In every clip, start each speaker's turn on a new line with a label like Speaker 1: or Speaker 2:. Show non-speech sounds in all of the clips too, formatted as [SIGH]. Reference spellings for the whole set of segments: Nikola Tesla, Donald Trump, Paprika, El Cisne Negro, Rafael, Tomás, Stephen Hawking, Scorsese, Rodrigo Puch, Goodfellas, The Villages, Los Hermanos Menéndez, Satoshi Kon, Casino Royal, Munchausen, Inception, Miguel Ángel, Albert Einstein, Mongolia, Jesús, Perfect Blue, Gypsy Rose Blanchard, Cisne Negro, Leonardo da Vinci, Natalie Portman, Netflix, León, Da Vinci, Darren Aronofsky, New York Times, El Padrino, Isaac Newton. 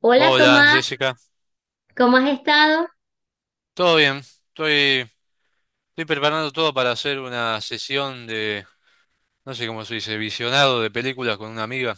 Speaker 1: Hola,
Speaker 2: Hola,
Speaker 1: Tomás,
Speaker 2: Jessica.
Speaker 1: ¿cómo has estado?
Speaker 2: ¿Todo bien? Estoy, estoy preparando todo para hacer una sesión de, no sé cómo se dice, visionado de películas con una amiga.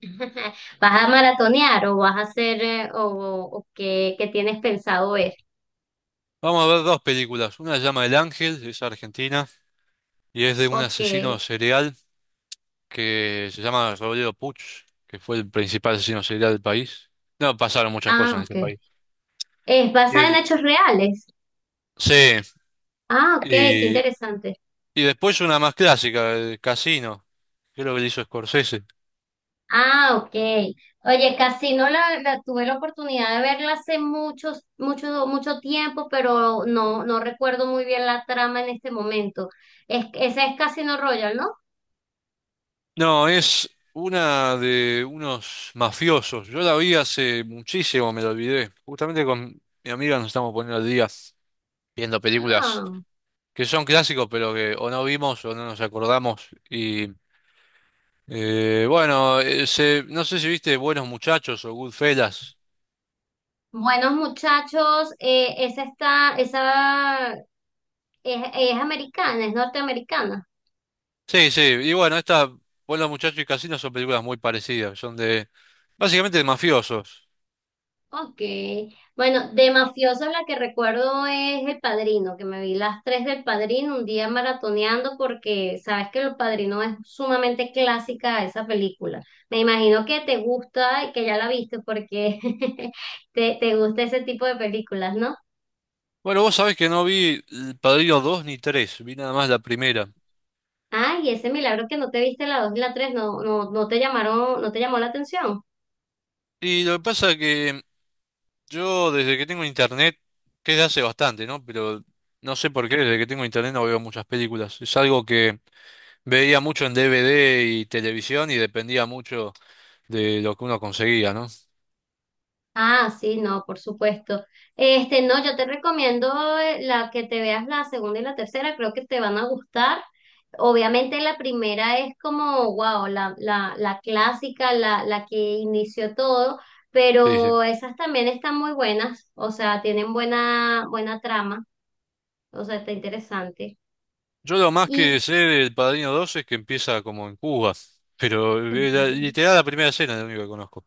Speaker 1: [LAUGHS] ¿Vas a maratonear o vas a hacer o qué tienes pensado ver?
Speaker 2: Vamos a ver dos películas. Una se llama El Ángel, es argentina, y es de un
Speaker 1: Ok.
Speaker 2: asesino serial que se llama Rodrigo Puch, que fue el principal asesino serial del país. No, pasaron muchas
Speaker 1: Ah,
Speaker 2: cosas en
Speaker 1: ok.
Speaker 2: este país.
Speaker 1: Es
Speaker 2: Y
Speaker 1: basada en
Speaker 2: el-
Speaker 1: hechos reales.
Speaker 2: Sí,
Speaker 1: Ah, ok, qué
Speaker 2: y,
Speaker 1: interesante.
Speaker 2: y después una más clásica, el Casino, creo que es lo que le hizo Scorsese.
Speaker 1: Ah, ok. Oye, Casino tuve la oportunidad de verla hace mucho, mucho tiempo, pero no, no recuerdo muy bien la trama en este momento. Esa es Casino Royal, ¿no?
Speaker 2: No, es una de unos mafiosos. Yo la vi hace muchísimo, me la olvidé. Justamente con mi amiga nos estamos poniendo al día viendo películas
Speaker 1: Ah.
Speaker 2: que son clásicos, pero que o no vimos o no nos acordamos. Y bueno, se- no sé si viste Buenos Muchachos o Goodfellas.
Speaker 1: Buenos muchachos, esa es americana, es norteamericana.
Speaker 2: Sí, sí. Y bueno, esta Buenos Muchachos y Casino son películas muy parecidas. Son de básicamente de mafiosos.
Speaker 1: Ok. Bueno, de mafiosos la que recuerdo es El Padrino, que me vi las tres del Padrino un día maratoneando porque sabes que El Padrino es sumamente clásica esa película. Me imagino que te gusta y que ya la viste porque [LAUGHS] te gusta ese tipo de películas, ¿no?
Speaker 2: Bueno, vos sabés que no vi El Padrino 2 ni 3. Vi nada más la primera.
Speaker 1: Ay, ese milagro que no te viste la dos y la tres, no, no, no te llamaron, no te llamó la atención.
Speaker 2: Y lo que pasa es que yo desde que tengo internet, que es de hace bastante, ¿no? Pero no sé por qué, desde que tengo internet no veo muchas películas. Es algo que veía mucho en DVD y televisión y dependía mucho de lo que uno conseguía, ¿no?
Speaker 1: Ah, sí, no, por supuesto. Este, no, yo te recomiendo la que te veas la segunda y la tercera, creo que te van a gustar. Obviamente la primera es como, wow, la clásica, la que inició todo,
Speaker 2: Sí, sí.
Speaker 1: pero esas también están muy buenas, o sea, tienen buena, buena trama, o sea, está interesante.
Speaker 2: Yo lo más que
Speaker 1: Y
Speaker 2: sé del Padrino 2 es que empieza como en Cuba, pero la-
Speaker 1: [LAUGHS]
Speaker 2: literal la primera escena es lo único que conozco.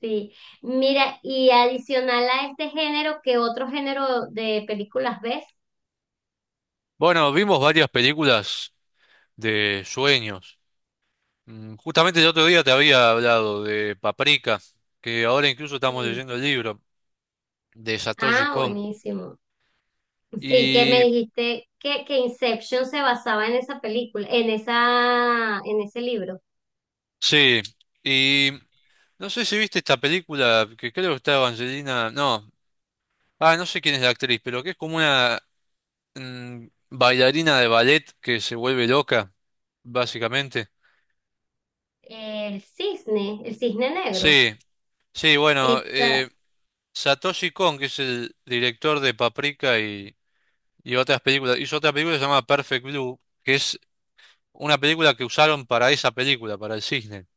Speaker 1: sí, mira, y adicional a este género, ¿qué otro género de películas ves?
Speaker 2: Bueno, vimos varias películas de sueños. Justamente el otro día te había hablado de Paprika, que ahora incluso estamos
Speaker 1: Sí.
Speaker 2: leyendo el libro de Satoshi
Speaker 1: Ah,
Speaker 2: Kon.
Speaker 1: buenísimo. Sí, que me
Speaker 2: Y
Speaker 1: dijiste que Inception se basaba en esa película, en ese libro.
Speaker 2: sí, y no sé si viste esta película que creo que está Angelina, no, ah, no sé quién es la actriz, pero que es como una mm, bailarina de ballet que se vuelve loca, básicamente.
Speaker 1: El Cisne Negro.
Speaker 2: Sí, sí, bueno,
Speaker 1: Esa-
Speaker 2: Satoshi Kon, que es el director de Paprika y otras películas, hizo otra película llamada Perfect Blue, que es una película que usaron para esa película, para el cisne.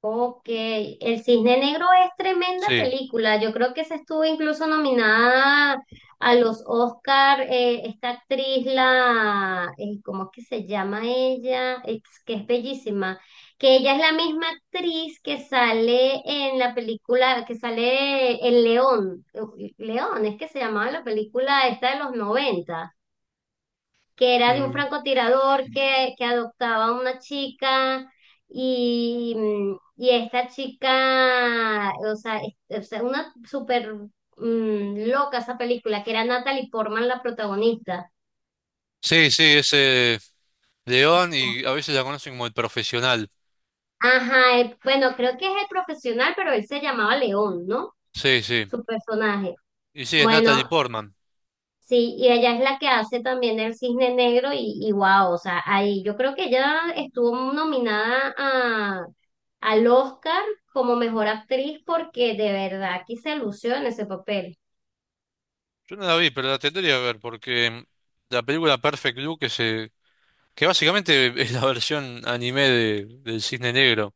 Speaker 1: Ok, El Cisne Negro es tremenda
Speaker 2: Sí,
Speaker 1: película. Yo creo que se estuvo incluso nominada a los Oscar, esta actriz, ¿cómo es que se llama ella? Es que es bellísima. Que ella es la misma actriz que sale en la película, que sale El León. Uf, León, es que se llamaba la película esta de los 90 que era de un
Speaker 2: Mm.
Speaker 1: francotirador que adoptaba a una chica y esta chica, o sea, o sea, una súper loca esa película, que era Natalie Portman la protagonista.
Speaker 2: Sí, sí, ese. León y a veces la conocen como el profesional.
Speaker 1: Ajá, bueno, creo que es el profesional, pero él se llamaba León, ¿no?
Speaker 2: Sí, sí.
Speaker 1: Su personaje.
Speaker 2: Y sí, es Natalie
Speaker 1: Bueno,
Speaker 2: Portman.
Speaker 1: sí, y ella es la que hace también el Cisne Negro y wow, o sea, ahí yo creo que ella estuvo nominada al Oscar como mejor actriz porque de verdad que se lució en ese papel.
Speaker 2: Yo no la vi, pero la tendría que ver porque la película Perfect Blue que se, que básicamente [LAUGHS] es la versión anime de, del Cisne Negro.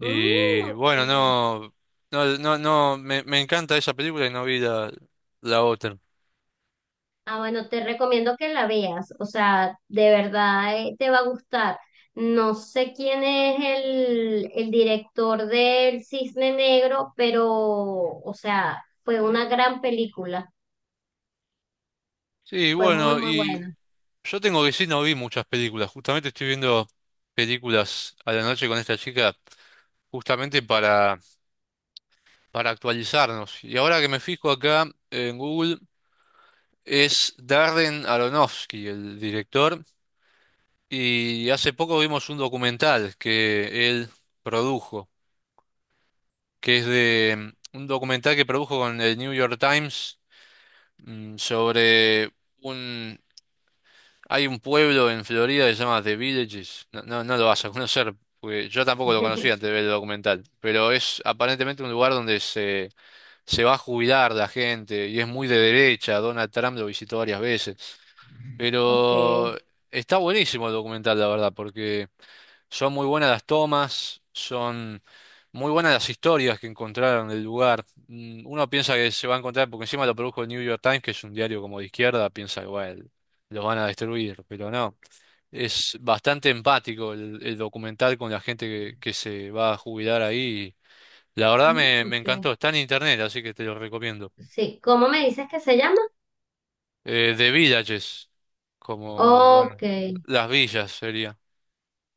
Speaker 1: Mm, ok.
Speaker 2: bueno, no, no, no, no, me encanta esa película y no vi la, la otra.
Speaker 1: Ah, bueno, te recomiendo que la veas, o sea, de verdad te va a gustar. No sé quién es el director del Cisne Negro, pero, o sea, fue una gran película,
Speaker 2: Sí,
Speaker 1: fue muy,
Speaker 2: bueno,
Speaker 1: muy
Speaker 2: y
Speaker 1: buena.
Speaker 2: yo tengo que decir, no vi muchas películas. Justamente estoy viendo películas a la noche con esta chica, justamente para actualizarnos. Y ahora que me fijo acá en Google, es Darren Aronofsky, el director, y hace poco vimos un documental que él produjo, que es de un documental que produjo con el New York Times, sobre un... Hay un pueblo en Florida que se llama The Villages. No, no, no lo vas a conocer, porque yo tampoco lo conocía
Speaker 1: [LAUGHS]
Speaker 2: antes de ver el documental, pero es aparentemente un lugar donde se va a jubilar la gente y es muy de derecha. Donald Trump lo visitó varias veces.
Speaker 1: Ok.
Speaker 2: Pero está buenísimo el documental, la verdad, porque son muy buenas las tomas, son muy buenas las historias que encontraron del lugar. Uno piensa que se va a encontrar, porque encima lo produjo el New York Times, que es un diario como de izquierda, piensa que bueno, los van a destruir, pero no. Es bastante empático el documental con la gente que se va a jubilar ahí. La verdad
Speaker 1: Mm,
Speaker 2: me, me
Speaker 1: ok.
Speaker 2: encantó, está en internet, así que te lo recomiendo.
Speaker 1: Sí, ¿cómo me dices que se llama?
Speaker 2: De villages, como,
Speaker 1: Ok,
Speaker 2: bueno, las villas sería.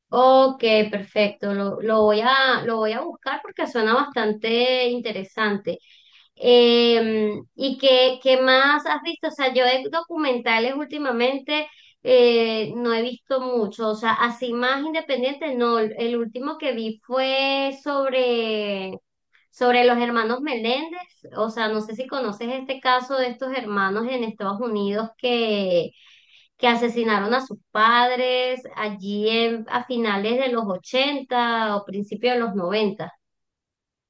Speaker 1: ok, perfecto. Lo lo voy a buscar porque suena bastante interesante. ¿Y qué más has visto? O sea, yo de documentales últimamente no he visto mucho. O sea, así más independiente, no. El último que vi fue sobre los hermanos Meléndez, o sea, no sé si conoces este caso de estos hermanos en Estados Unidos que asesinaron a sus padres allí a finales de los 80 o principios de los noventa.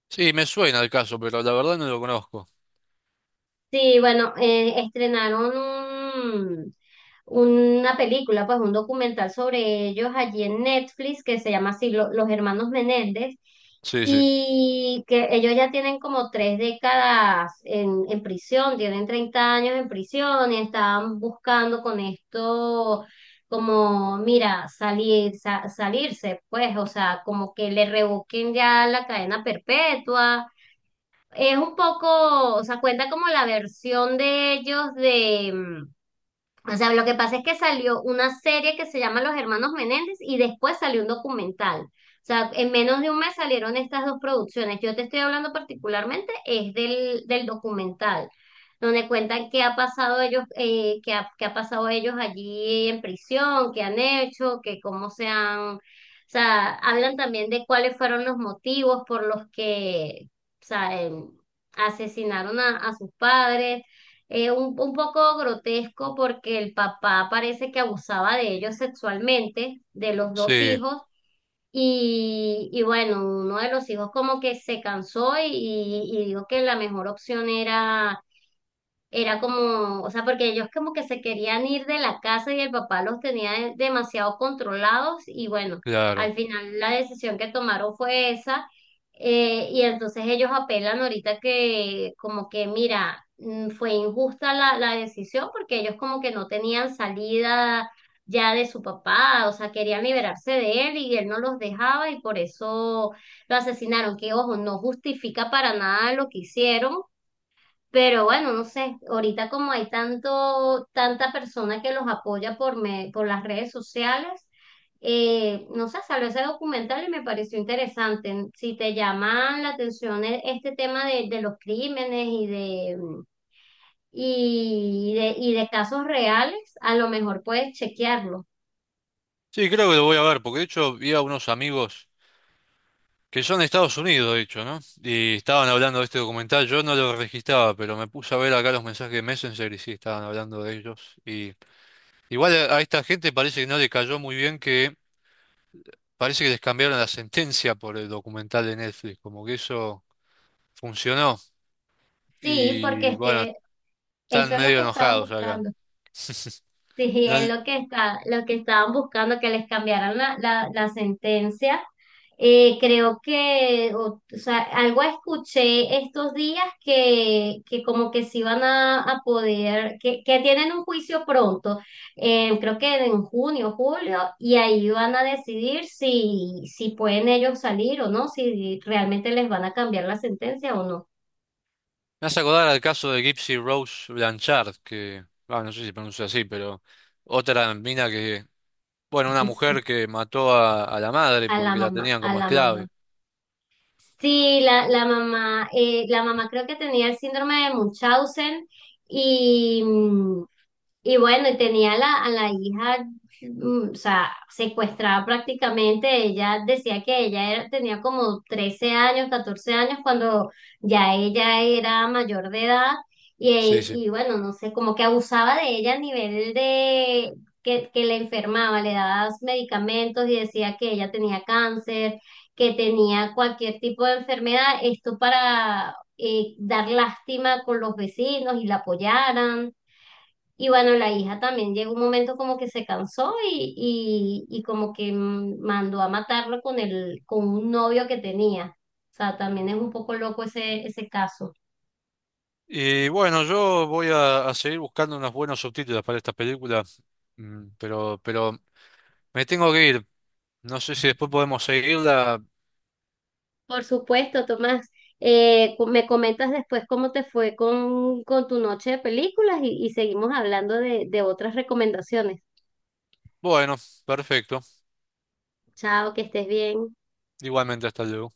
Speaker 2: Sí, me suena el caso, pero la verdad no lo conozco.
Speaker 1: Sí, bueno, estrenaron una película, pues un documental sobre ellos allí en Netflix que se llama así Los Hermanos Menéndez,
Speaker 2: Sí, sí,
Speaker 1: y que ellos ya tienen como 3 décadas en prisión, tienen 30 años en prisión y estaban buscando con esto como, mira, salirse, pues, o sea, como que le revoquen ya la cadena perpetua. Es un poco, o sea, cuenta como la versión de ellos o sea, lo que pasa es que salió una serie que se llama Los Hermanos Menéndez y después salió un documental. O sea, en menos de un mes salieron estas dos producciones. Yo te estoy hablando particularmente es del documental, donde cuentan qué ha pasado ellos, qué ha pasado ellos allí en prisión, qué han hecho, que cómo se han, o sea, hablan también de cuáles fueron los motivos por los que, o sea, asesinaron a sus padres. Un poco grotesco porque el papá parece que abusaba de ellos sexualmente, de los dos
Speaker 2: sí,
Speaker 1: hijos, y bueno, uno de los hijos como que se cansó y dijo que la mejor opción era como, o sea, porque ellos como que se querían ir de la casa y el papá los tenía demasiado controlados y bueno, al
Speaker 2: claro.
Speaker 1: final la decisión que tomaron fue esa. Eh, y entonces ellos apelan ahorita que como que mira, fue injusta la decisión porque ellos como que no tenían salida ya de su papá, o sea, querían liberarse de él y él no los dejaba y por eso lo asesinaron, que ojo, no justifica para nada lo que hicieron, pero bueno, no sé, ahorita como hay tanto, tanta persona que los apoya por las redes sociales, no sé, salió ese documental y me pareció interesante. Si te llaman la atención este tema de los crímenes y de, mm, y de casos reales, a lo mejor puedes chequearlo.
Speaker 2: Sí, creo que lo voy a ver, porque de hecho vi a unos amigos que son de Estados Unidos, de hecho, ¿no? Y estaban hablando de este documental, yo no lo registraba, pero me puse a ver acá los mensajes de Messenger y sí, estaban hablando de ellos. Y igual a esta gente parece que no le cayó muy bien que parece que les cambiaron la sentencia por el documental de Netflix, como que eso funcionó.
Speaker 1: Sí, porque
Speaker 2: Y
Speaker 1: es
Speaker 2: bueno,
Speaker 1: que eso
Speaker 2: están
Speaker 1: es lo
Speaker 2: medio
Speaker 1: que estaban
Speaker 2: enojados acá.
Speaker 1: buscando. Sí, es
Speaker 2: No-
Speaker 1: lo que lo que estaban buscando, que les cambiaran la sentencia. Creo o sea, algo escuché estos días que como que se van a poder, que tienen un juicio pronto, creo que en junio, julio, y ahí van a decidir si pueden ellos salir o no, si realmente les van a cambiar la sentencia o no.
Speaker 2: Me hace acordar al caso de Gypsy Rose Blanchard, que, ah, no sé si se pronuncia así, pero otra mina que, bueno,
Speaker 1: [LAUGHS]
Speaker 2: una
Speaker 1: Eso,
Speaker 2: mujer que mató a la madre
Speaker 1: a la
Speaker 2: porque la
Speaker 1: mamá,
Speaker 2: tenían
Speaker 1: a
Speaker 2: como
Speaker 1: la mamá.
Speaker 2: esclave.
Speaker 1: Sí, la mamá, creo que tenía el síndrome de Munchausen y, mm, y bueno, y tenía a la hija, o sea, secuestrada prácticamente. Ella decía que ella tenía como 13 años, 14 años, cuando ya ella era mayor de edad. Y,
Speaker 2: Sí,
Speaker 1: e,
Speaker 2: sí.
Speaker 1: y bueno, no sé, como que abusaba de ella a nivel de que le enfermaba, le daba medicamentos y decía que ella tenía cáncer, que tenía cualquier tipo de enfermedad. Esto para dar lástima con los vecinos y la apoyaran. Y bueno, la hija también llegó un momento como que se cansó y como que mandó a matarlo con con un novio que tenía. O sea, también es un poco loco ese caso.
Speaker 2: Y bueno, yo voy a seguir buscando unos buenos subtítulos para esta película, pero me tengo que ir. No sé si después podemos seguirla.
Speaker 1: Por supuesto, Tomás, me comentas después cómo te fue con tu noche de películas y seguimos hablando de otras recomendaciones.
Speaker 2: Bueno, perfecto.
Speaker 1: Chao, que estés bien.
Speaker 2: Igualmente, hasta luego.